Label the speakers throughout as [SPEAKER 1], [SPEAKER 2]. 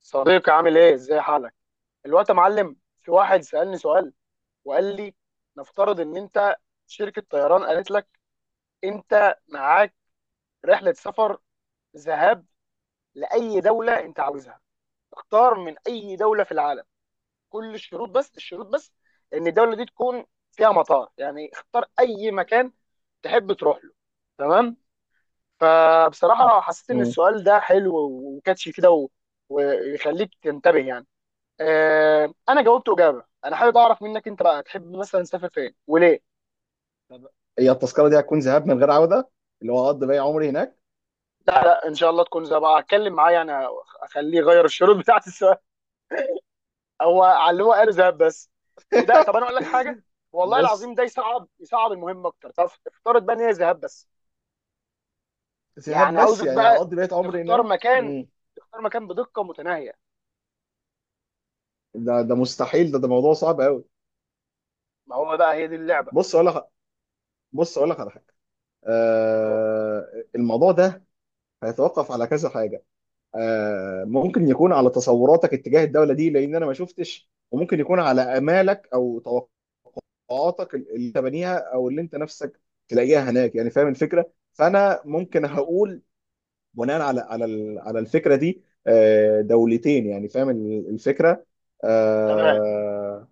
[SPEAKER 1] صديقي، عامل ايه؟ ازاي حالك الوقت يا معلم؟ في واحد سألني سؤال وقال لي: نفترض ان انت شركة طيران قالت لك انت معاك رحلة سفر ذهاب لأي دولة انت عاوزها، اختار من اي دولة في العالم. كل الشروط، بس الشروط بس ان الدولة دي تكون فيها مطار، يعني اختار اي مكان تحب تروح له. تمام. فبصراحة حسيت ان
[SPEAKER 2] مم.
[SPEAKER 1] السؤال ده حلو وكاتشي كده ويخليك تنتبه يعني. انا جاوبت اجابه. انا حابب اعرف منك انت بقى، تحب مثلا تسافر فين وليه؟
[SPEAKER 2] طب هي التذكره دي هتكون ذهاب من غير عوده، اللي هو هقضي باقي عمري هناك؟
[SPEAKER 1] لا لا، ان شاء الله تكون زي بقى، اتكلم معاه يعني، اخليه يغير الشروط بتاعت السؤال. هو علمه قال ذهب بس. وده طب انا اقول لك حاجه، والله
[SPEAKER 2] بص،
[SPEAKER 1] العظيم ده يصعب، يصعب المهم اكتر. طب افترض بقى ان هي ذهاب بس.
[SPEAKER 2] ذهاب
[SPEAKER 1] يعني
[SPEAKER 2] بس
[SPEAKER 1] عاوزك
[SPEAKER 2] يعني
[SPEAKER 1] بقى
[SPEAKER 2] هقضي بقية عمري
[SPEAKER 1] تختار
[SPEAKER 2] هناك.
[SPEAKER 1] مكان،
[SPEAKER 2] مم.
[SPEAKER 1] تختار مكان بدقه متناهيه.
[SPEAKER 2] ده مستحيل، ده موضوع صعب قوي.
[SPEAKER 1] ما هو بقى هي دي اللعبه.
[SPEAKER 2] بص اقول لك بص اقول لك على حاجه.
[SPEAKER 1] اه،
[SPEAKER 2] الموضوع ده هيتوقف على كذا حاجه. ممكن يكون على تصوراتك اتجاه الدوله دي، لان انا ما شفتش، وممكن يكون على امالك او توقعاتك اللي تبنيها او اللي انت نفسك تلاقيها هناك، يعني فاهم الفكره؟ فانا ممكن
[SPEAKER 1] مم.
[SPEAKER 2] هقول بناء على على الفكره دي دولتين، يعني فاهم الفكره
[SPEAKER 1] تمام
[SPEAKER 2] آه،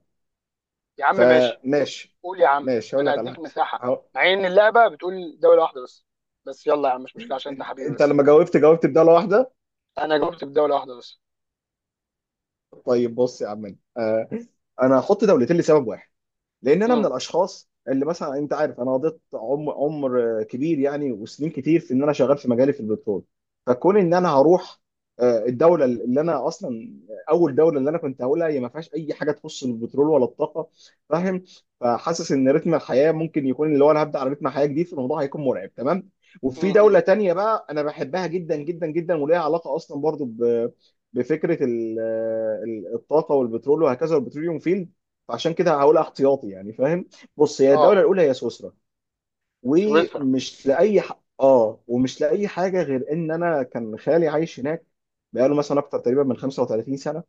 [SPEAKER 1] يا عم، ماشي.
[SPEAKER 2] فماشي.
[SPEAKER 1] قول يا عم،
[SPEAKER 2] ماشي هقول
[SPEAKER 1] انا
[SPEAKER 2] لك على
[SPEAKER 1] هديك
[SPEAKER 2] حاجه.
[SPEAKER 1] مساحه،
[SPEAKER 2] هقول-
[SPEAKER 1] مع ان اللعبه بتقول دوله واحده بس، بس يلا يا عم مش مشكله عشان انت
[SPEAKER 2] انت
[SPEAKER 1] حبيبي،
[SPEAKER 2] أنت
[SPEAKER 1] بس
[SPEAKER 2] لما جاوبت بدالة واحده.
[SPEAKER 1] انا جاوبت بدوله واحده بس.
[SPEAKER 2] طيب بص يا عم، انا هحط دولتين لسبب واحد. لان انا من
[SPEAKER 1] امم،
[SPEAKER 2] الاشخاص اللي مثلا انت عارف انا قضيت عمر كبير، يعني وسنين كتير في ان انا شغال في مجالي في البترول. فكون ان انا هروح، آه، الدوله اللي انا اصلا اول دوله اللي انا كنت هقولها هي ما فيهاش اي حاجه تخص البترول ولا الطاقه، فاهم. فحاسس ان رتم الحياه ممكن يكون اللي هو انا هبدا على رتم حياه جديد، فالموضوع هيكون مرعب تمام. وفي
[SPEAKER 1] امم،
[SPEAKER 2] دوله تانية بقى انا بحبها جدا جدا جدا، وليها علاقه اصلا برضو بفكره الطاقه والبترول وهكذا والبتروليوم فيلد، فعشان كده هقولها احتياطي، يعني فاهم. بص، هي الدوله
[SPEAKER 1] اه،
[SPEAKER 2] الاولى هي سويسرا،
[SPEAKER 1] سويسرا،
[SPEAKER 2] ومش لاي حاجه غير ان انا كان خالي عايش هناك، بقاله مثلا اكتر تقريبا من 35 سنه.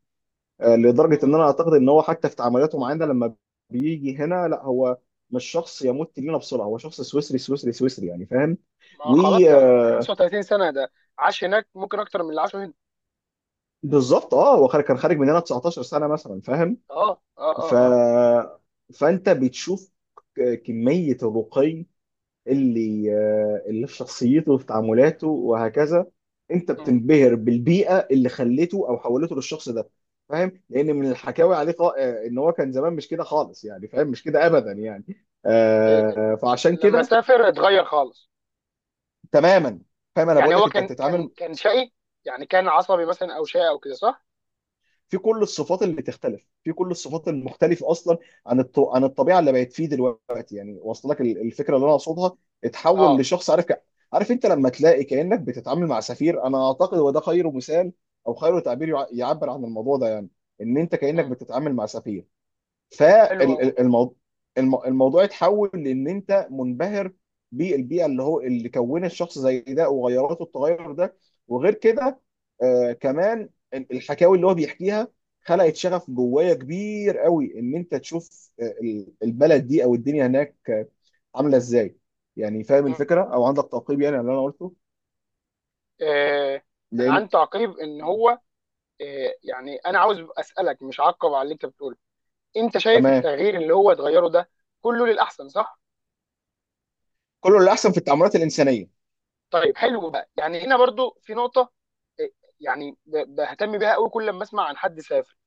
[SPEAKER 2] لدرجه
[SPEAKER 1] امم.
[SPEAKER 2] ان انا اعتقد ان هو حتى في تعاملاته معانا لما بيجي هنا، لا هو مش شخص يموت لينا بسرعه، هو شخص سويسري سويسري سويسري يعني فاهم.
[SPEAKER 1] ما
[SPEAKER 2] و
[SPEAKER 1] خلاص ده
[SPEAKER 2] آه،
[SPEAKER 1] 35 سنه، ده عاش هناك ممكن اكتر من اللي عاشه هنا.
[SPEAKER 2] بالظبط، كان خارج مننا 19 سنه مثلا، فاهم.
[SPEAKER 1] اه، اه، اه،
[SPEAKER 2] ف
[SPEAKER 1] اه،
[SPEAKER 2] فانت بتشوف كميه الرقي اللي في شخصيته وفي تعاملاته وهكذا. انت
[SPEAKER 1] مم.
[SPEAKER 2] بتنبهر بالبيئه اللي خليته او حولته للشخص ده. فاهم، لان من الحكاوي عليه ان هو كان زمان مش كده خالص، يعني فاهم مش كده ابدا يعني،
[SPEAKER 1] إيه، إيه.
[SPEAKER 2] فعشان
[SPEAKER 1] لما
[SPEAKER 2] كده.
[SPEAKER 1] سافر اتغير خالص.
[SPEAKER 2] تماما. فاهم، انا
[SPEAKER 1] يعني
[SPEAKER 2] بقول
[SPEAKER 1] هو
[SPEAKER 2] لك انت
[SPEAKER 1] كان كان
[SPEAKER 2] بتتعامل
[SPEAKER 1] كان شقي، يعني كان عصبي مثلا، او شقي او كده، صح؟
[SPEAKER 2] في كل الصفات اللي تختلف، في كل الصفات المختلفه اصلا عن الطبيعه اللي بقت فيه دلوقتي، يعني واصله لك الفكره اللي انا اقصدها. اتحول
[SPEAKER 1] اه،
[SPEAKER 2] لشخص عارف، انت لما تلاقي كانك بتتعامل مع سفير، انا اعتقد وده خير مثال او خير تعبير يعبر عن الموضوع ده، يعني ان انت كانك
[SPEAKER 1] مم.
[SPEAKER 2] بتتعامل مع سفير.
[SPEAKER 1] حلو قوي.
[SPEAKER 2] فالموضوع اتحول لان انت منبهر بالبيئه اللي هو اللي كون الشخص زي ده وغيراته التغير ده. وغير كده، كمان الحكاوي اللي هو بيحكيها خلقت شغف جوايا كبير قوي، ان انت تشوف البلد دي او الدنيا هناك عامله ازاي، يعني فاهم الفكره او عندك تعقيب يعني على اللي انا قلته؟
[SPEAKER 1] آه انا
[SPEAKER 2] لان.
[SPEAKER 1] عندي تعقيب ان
[SPEAKER 2] مم.
[SPEAKER 1] هو، يعني انا عاوز اسالك، مش عقب على اللي انت بتقوله. انت شايف
[SPEAKER 2] تمام.
[SPEAKER 1] التغيير اللي هو اتغيره ده كله للاحسن، صح؟
[SPEAKER 2] كله اللي احسن في التعاملات الانسانيه.
[SPEAKER 1] طيب حلو بقى، يعني هنا برضو في نقطه، إيه، يعني بهتم بيها قوي كل لما اسمع عن حد سافر.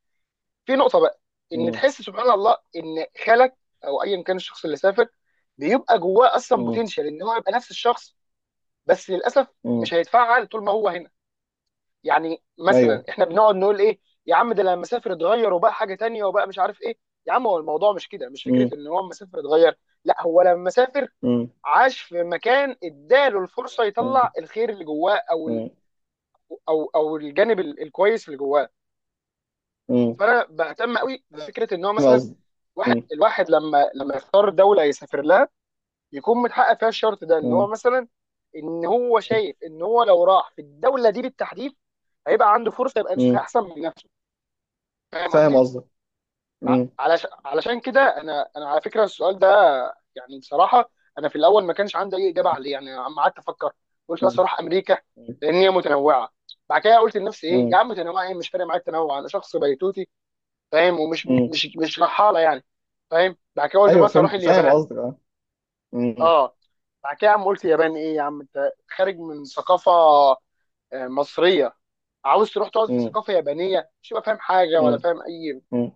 [SPEAKER 1] في نقطه بقى، ان
[SPEAKER 2] امم.
[SPEAKER 1] تحس سبحان الله ان خالك او ايا كان الشخص اللي سافر، بيبقى جواه اصلا
[SPEAKER 2] امم.
[SPEAKER 1] بوتنشال ان هو يبقى نفس الشخص، بس للاسف
[SPEAKER 2] امم.
[SPEAKER 1] مش هيتفعل طول ما هو هنا. يعني مثلا
[SPEAKER 2] ايوه.
[SPEAKER 1] احنا بنقعد نقول ايه، يا عم ده لما سافر اتغير وبقى حاجه تانية وبقى مش عارف ايه. يا عم، هو الموضوع مش كده، مش فكره
[SPEAKER 2] امم.
[SPEAKER 1] ان هو لما سافر اتغير، لا، هو لما سافر عاش في مكان اداله الفرصه يطلع الخير اللي جواه، او ال...
[SPEAKER 2] امم.
[SPEAKER 1] او الجانب الكويس اللي جواه.
[SPEAKER 2] مم.
[SPEAKER 1] فانا بهتم قوي بفكره ان هو
[SPEAKER 2] فاهم
[SPEAKER 1] مثلا،
[SPEAKER 2] قصدك. مم.
[SPEAKER 1] الواحد لما يختار دوله يسافر لها، يكون متحقق فيها الشرط ده، ان هو
[SPEAKER 2] مم.
[SPEAKER 1] مثلا، ان هو شايف ان هو لو راح في الدوله دي بالتحديد هيبقى عنده فرصه يبقى نسخه
[SPEAKER 2] مم.
[SPEAKER 1] احسن من نفسه. فاهم
[SPEAKER 2] فاهم
[SPEAKER 1] قصدي؟
[SPEAKER 2] قصدك. مم.
[SPEAKER 1] علشان كده انا، على فكره السؤال ده، يعني بصراحه انا في الاول ما كانش عندي اي اجابه عليه، يعني عم قعدت افكر، قلت لا،
[SPEAKER 2] مم.
[SPEAKER 1] الصراحه امريكا،
[SPEAKER 2] مم.
[SPEAKER 1] لان هي متنوعه. بعد كده قلت لنفسي ايه يا
[SPEAKER 2] مم.
[SPEAKER 1] عم، متنوعه ايه؟ مش فارق معايا التنوع، انا شخص بيتوتي، فاهم، ومش
[SPEAKER 2] مم.
[SPEAKER 1] مش رحاله يعني. فاهم. بعد كده قلت
[SPEAKER 2] ايوه
[SPEAKER 1] مثلا اروح
[SPEAKER 2] فهمت، فاهم
[SPEAKER 1] اليابان،
[SPEAKER 2] قصدك، اه. مم.
[SPEAKER 1] اه. بعد كده يا عم قلت اليابان ايه يا عم، انت خارج من ثقافه مصريه، عاوز تروح تقعد في
[SPEAKER 2] مم.
[SPEAKER 1] ثقافه يابانيه، مش هتبقى فاهم حاجه ولا
[SPEAKER 2] مم.
[SPEAKER 1] فاهم اي.
[SPEAKER 2] مم.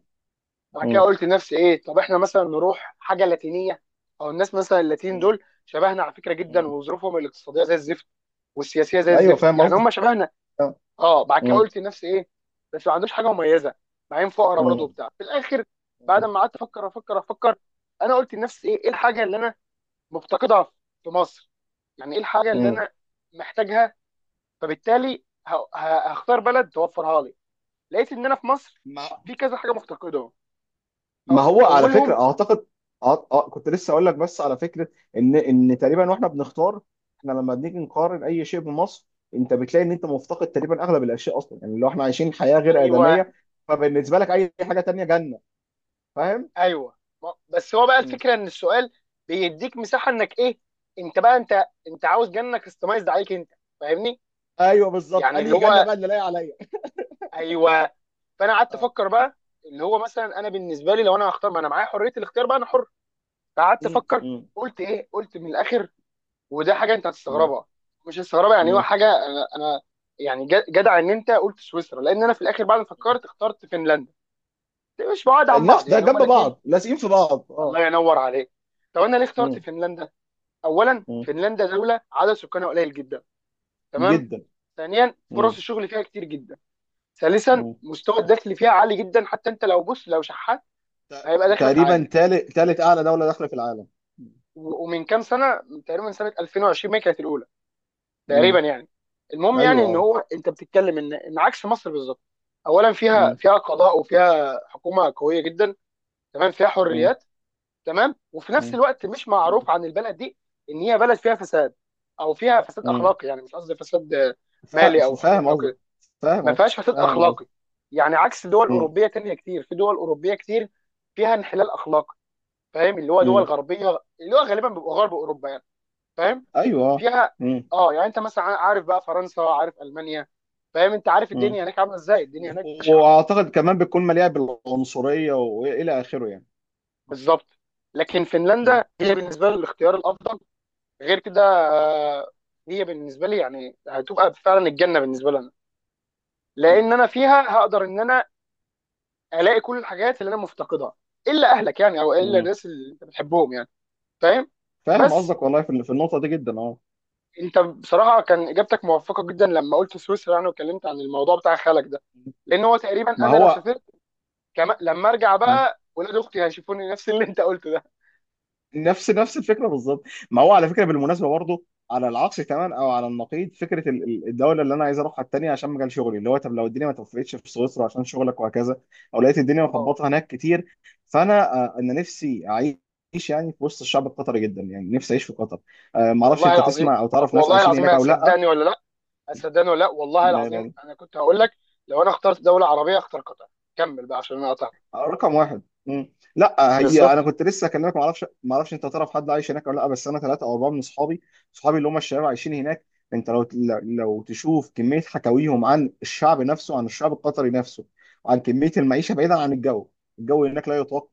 [SPEAKER 1] بعد كده قلت لنفسي ايه، طب احنا مثلا نروح حاجه لاتينيه، او الناس مثلا اللاتين
[SPEAKER 2] مم.
[SPEAKER 1] دول شبهنا على فكره جدا،
[SPEAKER 2] مم.
[SPEAKER 1] وظروفهم الاقتصاديه زي الزفت والسياسيه زي
[SPEAKER 2] ايوه،
[SPEAKER 1] الزفت،
[SPEAKER 2] فاهم
[SPEAKER 1] يعني هم
[SPEAKER 2] قصدك.
[SPEAKER 1] شبهنا.
[SPEAKER 2] آه.
[SPEAKER 1] اه. بعد كده
[SPEAKER 2] مم.
[SPEAKER 1] قلت لنفسي ايه، بس ما عندوش حاجه مميزه معين، فقره برضه
[SPEAKER 2] مم.
[SPEAKER 1] وبتاع في الاخر. بعد
[SPEAKER 2] مم.
[SPEAKER 1] ما قعدت افكر افكر افكر، انا قلت لنفسي ايه، الحاجه اللي انا مفتقدها في مصر، يعني ايه الحاجه اللي انا محتاجها، فبالتالي هختار بلد توفرها لي. لقيت ان انا في مصر
[SPEAKER 2] مم.
[SPEAKER 1] في كذا حاجه مفتقدهم.
[SPEAKER 2] ما
[SPEAKER 1] أو-
[SPEAKER 2] هو على
[SPEAKER 1] اولهم،
[SPEAKER 2] فكره اعتقد. أه أه كنت لسه اقول لك، بس على فكره ان تقريبا، واحنا بنختار، احنا لما بنيجي نقارن اي شيء بمصر، انت بتلاقي ان انت مفتقد تقريبا اغلب الاشياء، اصلا يعني لو احنا عايشين حياه غير
[SPEAKER 1] ايوه،
[SPEAKER 2] ادميه، فبالنسبه لك اي حاجه تانية جنه، فاهم؟
[SPEAKER 1] ايوه. بس هو بقى
[SPEAKER 2] م.
[SPEAKER 1] الفكره ان السؤال بيديك مساحه انك ايه، انت بقى، انت عاوز جنك كاستمايزد عليك انت، فاهمني؟
[SPEAKER 2] ايوه بالظبط،
[SPEAKER 1] يعني اللي
[SPEAKER 2] انهي جنه
[SPEAKER 1] هو،
[SPEAKER 2] بقى اللي لاقي عليا.
[SPEAKER 1] ايوه. فانا قعدت
[SPEAKER 2] اه.
[SPEAKER 1] افكر بقى، اللي هو مثلا انا بالنسبه لي، لو انا هختار، ما انا معايا حريه الاختيار بقى، انا حر. فقعدت
[SPEAKER 2] م-
[SPEAKER 1] افكر،
[SPEAKER 2] م-
[SPEAKER 1] قلت ايه، قلت من الاخر، وده حاجه انت
[SPEAKER 2] م-
[SPEAKER 1] هتستغربها، مش هتستغربها، يعني هو
[SPEAKER 2] م.
[SPEAKER 1] حاجه انا، يعني جدع ان انت قلت سويسرا، لان انا في الاخر بعد ما فكرت اخترت فنلندا. مش بعاد عن بعض
[SPEAKER 2] النفس ده
[SPEAKER 1] يعني، هما
[SPEAKER 2] جنب
[SPEAKER 1] الاثنين.
[SPEAKER 2] بعض لازقين في بعض، اه.
[SPEAKER 1] الله ينور عليك. طب انا ليه اخترت
[SPEAKER 2] م-
[SPEAKER 1] فنلندا؟ اولا،
[SPEAKER 2] م.
[SPEAKER 1] فنلندا دوله عدد سكانها قليل جدا، تمام.
[SPEAKER 2] جدا.
[SPEAKER 1] ثانيا،
[SPEAKER 2] م-
[SPEAKER 1] فرص الشغل فيها كتير جدا. ثالثا،
[SPEAKER 2] م.
[SPEAKER 1] مستوى الدخل فيها عالي جدا، حتى انت لو بص لو شحات هيبقى دخلك
[SPEAKER 2] تقريبا
[SPEAKER 1] عالي.
[SPEAKER 2] تالت اعلى دوله داخله في العالم.
[SPEAKER 1] ومن كام سنه تقريبا، سنه 2020، ما هي كانت الاولى
[SPEAKER 2] م.
[SPEAKER 1] تقريبا يعني. المهم
[SPEAKER 2] ايوه
[SPEAKER 1] يعني ان
[SPEAKER 2] اه.
[SPEAKER 1] هو، انت بتتكلم ان عكس مصر بالظبط. اولا،
[SPEAKER 2] مم.
[SPEAKER 1] فيها قضاء وفيها حكومه قويه جدا، تمام. فيها
[SPEAKER 2] مم.
[SPEAKER 1] حريات، تمام. وفي نفس
[SPEAKER 2] مم.
[SPEAKER 1] الوقت مش معروف
[SPEAKER 2] مم.
[SPEAKER 1] عن البلد دي ان هي بلد فيها فساد، او فيها فساد
[SPEAKER 2] مم.
[SPEAKER 1] اخلاقي. يعني مش قصدي فساد مالي او
[SPEAKER 2] فاهم
[SPEAKER 1] حكومي او
[SPEAKER 2] قصدك،
[SPEAKER 1] كده،
[SPEAKER 2] فاهم
[SPEAKER 1] ما
[SPEAKER 2] قصدك،
[SPEAKER 1] فيهاش فساد
[SPEAKER 2] فاهم قصدك.
[SPEAKER 1] اخلاقي، يعني عكس دول
[SPEAKER 2] مم.
[SPEAKER 1] اوروبيه تانية كتير. في دول اوروبيه كتير فيها انحلال اخلاقي، فاهم؟ اللي هو دول
[SPEAKER 2] مم.
[SPEAKER 1] غربيه، اللي هو غالبا بيبقى غرب اوروبا يعني، فاهم؟
[SPEAKER 2] ايوه اه.
[SPEAKER 1] فيها
[SPEAKER 2] مم.
[SPEAKER 1] اه، يعني انت مثلا عارف بقى فرنسا، عارف المانيا، فاهم؟ انت عارف
[SPEAKER 2] مم.
[SPEAKER 1] الدنيا هناك عامله ازاي، الدنيا هناك بشعه.
[SPEAKER 2] واعتقد كمان بتكون مليئه بالعنصريه والى اخره يعني.
[SPEAKER 1] بالظبط. لكن
[SPEAKER 2] مم.
[SPEAKER 1] فنلندا هي بالنسبه لي الاختيار الافضل. غير كده هي بالنسبه لي يعني هتبقى فعلا الجنه بالنسبه لنا، لان انا فيها هقدر ان انا الاقي كل الحاجات اللي انا مفتقدها، الا اهلك يعني، او الا
[SPEAKER 2] مم.
[SPEAKER 1] الناس اللي انت بتحبهم يعني، فاهم.
[SPEAKER 2] فاهم
[SPEAKER 1] بس
[SPEAKER 2] قصدك، والله في النقطه دي جدا، اه.
[SPEAKER 1] انت بصراحه كان اجابتك موفقه جدا لما قلت سويسرا، يعني واتكلمت عن الموضوع بتاع خالك ده، لان هو تقريبا
[SPEAKER 2] ما
[SPEAKER 1] انا لو
[SPEAKER 2] هو
[SPEAKER 1] سافرت كما، لما ارجع بقى، ولاد اختي هيشوفوني نفس اللي انت قلته ده.
[SPEAKER 2] نفس نفس الفكره بالظبط. ما هو على فكره بالمناسبه برضه، على العكس تماما او على النقيض، فكره الدوله اللي انا عايز اروحها التانيه عشان مجال شغلي، اللي هو طب لو الدنيا ما توفقتش في سويسرا عشان شغلك وهكذا، او لقيت الدنيا
[SPEAKER 1] اه،
[SPEAKER 2] مخبطه هناك كتير، فانا انا نفسي اعيش يعني في وسط الشعب القطري، جدا يعني نفسي اعيش في قطر. ما اعرفش
[SPEAKER 1] والله
[SPEAKER 2] انت
[SPEAKER 1] العظيم،
[SPEAKER 2] تسمع او
[SPEAKER 1] طب
[SPEAKER 2] تعرف ناس
[SPEAKER 1] والله
[SPEAKER 2] عايشين
[SPEAKER 1] العظيم
[SPEAKER 2] هناك
[SPEAKER 1] ما
[SPEAKER 2] او
[SPEAKER 1] هتصدقني ولا لا، صدقني ولا لا، والله العظيم
[SPEAKER 2] لا.
[SPEAKER 1] انا كنت هقول لك لو انا اخترت دوله عربيه اختار قطر. كمل بقى عشان انا قطعت.
[SPEAKER 2] رقم واحد. مم. لا، هي انا
[SPEAKER 1] بالظبط.
[SPEAKER 2] كنت لسه اكلمك، ما اعرفش انت تعرف حد عايش هناك ولا لا، بس انا ثلاثه او اربعه من اصحابي، اللي هم الشباب عايشين هناك. انت لو تشوف كميه حكاويهم عن الشعب نفسه، عن الشعب القطري نفسه، عن كميه المعيشه بعيدا عن الجو، الجو هناك لا يطاق.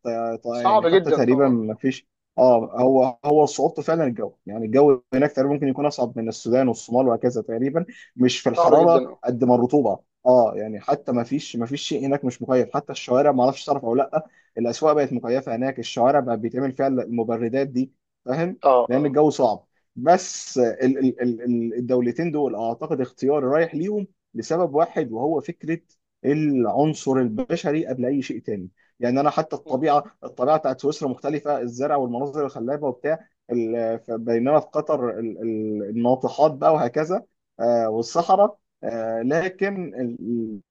[SPEAKER 2] يعني
[SPEAKER 1] صعب
[SPEAKER 2] حتى
[SPEAKER 1] جدا
[SPEAKER 2] تقريبا
[SPEAKER 1] طبعا،
[SPEAKER 2] ما فيش. هو صعوبته فعلا الجو، يعني الجو هناك تقريبا ممكن يكون اصعب من السودان والصومال وهكذا تقريبا، مش في
[SPEAKER 1] صعب جدا،
[SPEAKER 2] الحراره
[SPEAKER 1] اه،
[SPEAKER 2] قد ما الرطوبه. اه يعني حتى ما فيش شيء هناك مش مكيف، حتى الشوارع، ما اعرفش تعرف او لا. الاسواق بقت مكيفه هناك، الشوارع بقى بيتعمل فيها المبردات دي، فاهم.
[SPEAKER 1] اه،
[SPEAKER 2] لان
[SPEAKER 1] اه،
[SPEAKER 2] الجو صعب. بس الدولتين دول اعتقد اختياري رايح ليهم، لسبب واحد وهو فكره العنصر البشري قبل اي شيء تاني. يعني انا حتى
[SPEAKER 1] مم.
[SPEAKER 2] الطبيعه بتاعت سويسرا مختلفه، الزرع والمناظر الخلابه وبتاع بينما في قطر الناطحات بقى وهكذا.
[SPEAKER 1] مم.
[SPEAKER 2] والصحراء، لكن ال-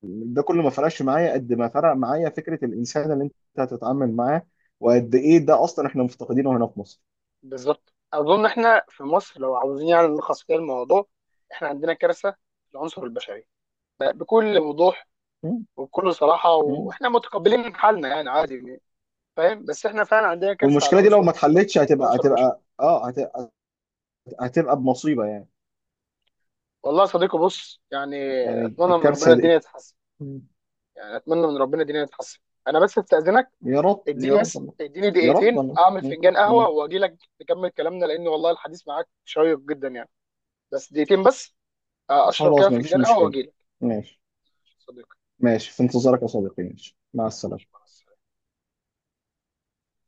[SPEAKER 2] ال- ده كله ما فرقش معايا قد ما فرق معايا فكره الانسان اللي انت هتتعامل معاه، وقد ايه ده اصلا احنا مفتقدينه هنا في مصر.
[SPEAKER 1] بالظبط. اظن احنا في مصر، لو عاوزين يعني نلخص كده الموضوع، احنا عندنا كارثه في العنصر البشري، بكل وضوح
[SPEAKER 2] م-
[SPEAKER 1] وبكل صراحه،
[SPEAKER 2] م.
[SPEAKER 1] واحنا متقبلين حالنا يعني، عادي يعني. فاهم؟ بس احنا فعلا عندنا كارثه على
[SPEAKER 2] والمشكله دي لو
[SPEAKER 1] العنصر
[SPEAKER 2] ما
[SPEAKER 1] في
[SPEAKER 2] اتحلتش، هتبقى
[SPEAKER 1] العنصر البشري.
[SPEAKER 2] هتبقى اه هت- هت- هتبقى بمصيبه يعني.
[SPEAKER 1] والله يا صديقي، بص يعني،
[SPEAKER 2] يعني
[SPEAKER 1] اتمنى من ربنا
[SPEAKER 2] الكارثه دي.
[SPEAKER 1] الدنيا تتحسن،
[SPEAKER 2] م.
[SPEAKER 1] يعني اتمنى من ربنا الدنيا تتحسن. انا بس استاذنك،
[SPEAKER 2] يا رب، يا
[SPEAKER 1] اديني
[SPEAKER 2] رب،
[SPEAKER 1] بس،
[SPEAKER 2] الله.
[SPEAKER 1] اديني
[SPEAKER 2] يا رب،
[SPEAKER 1] دقيقتين
[SPEAKER 2] الله.
[SPEAKER 1] اعمل فنجان
[SPEAKER 2] م.
[SPEAKER 1] قهوه واجي لك نكمل كلامنا، لان والله الحديث معاك شيق جدا يعني. بس دقيقتين بس، اشرب كده
[SPEAKER 2] خلاص، ما فيش
[SPEAKER 1] فنجان قهوه
[SPEAKER 2] مشكله.
[SPEAKER 1] واجي لك.
[SPEAKER 2] ماشي.
[SPEAKER 1] صديقي،
[SPEAKER 2] ماشي، في انتظارك يا صديقي، ماشي، مع السلامه.
[SPEAKER 1] مع السلامة.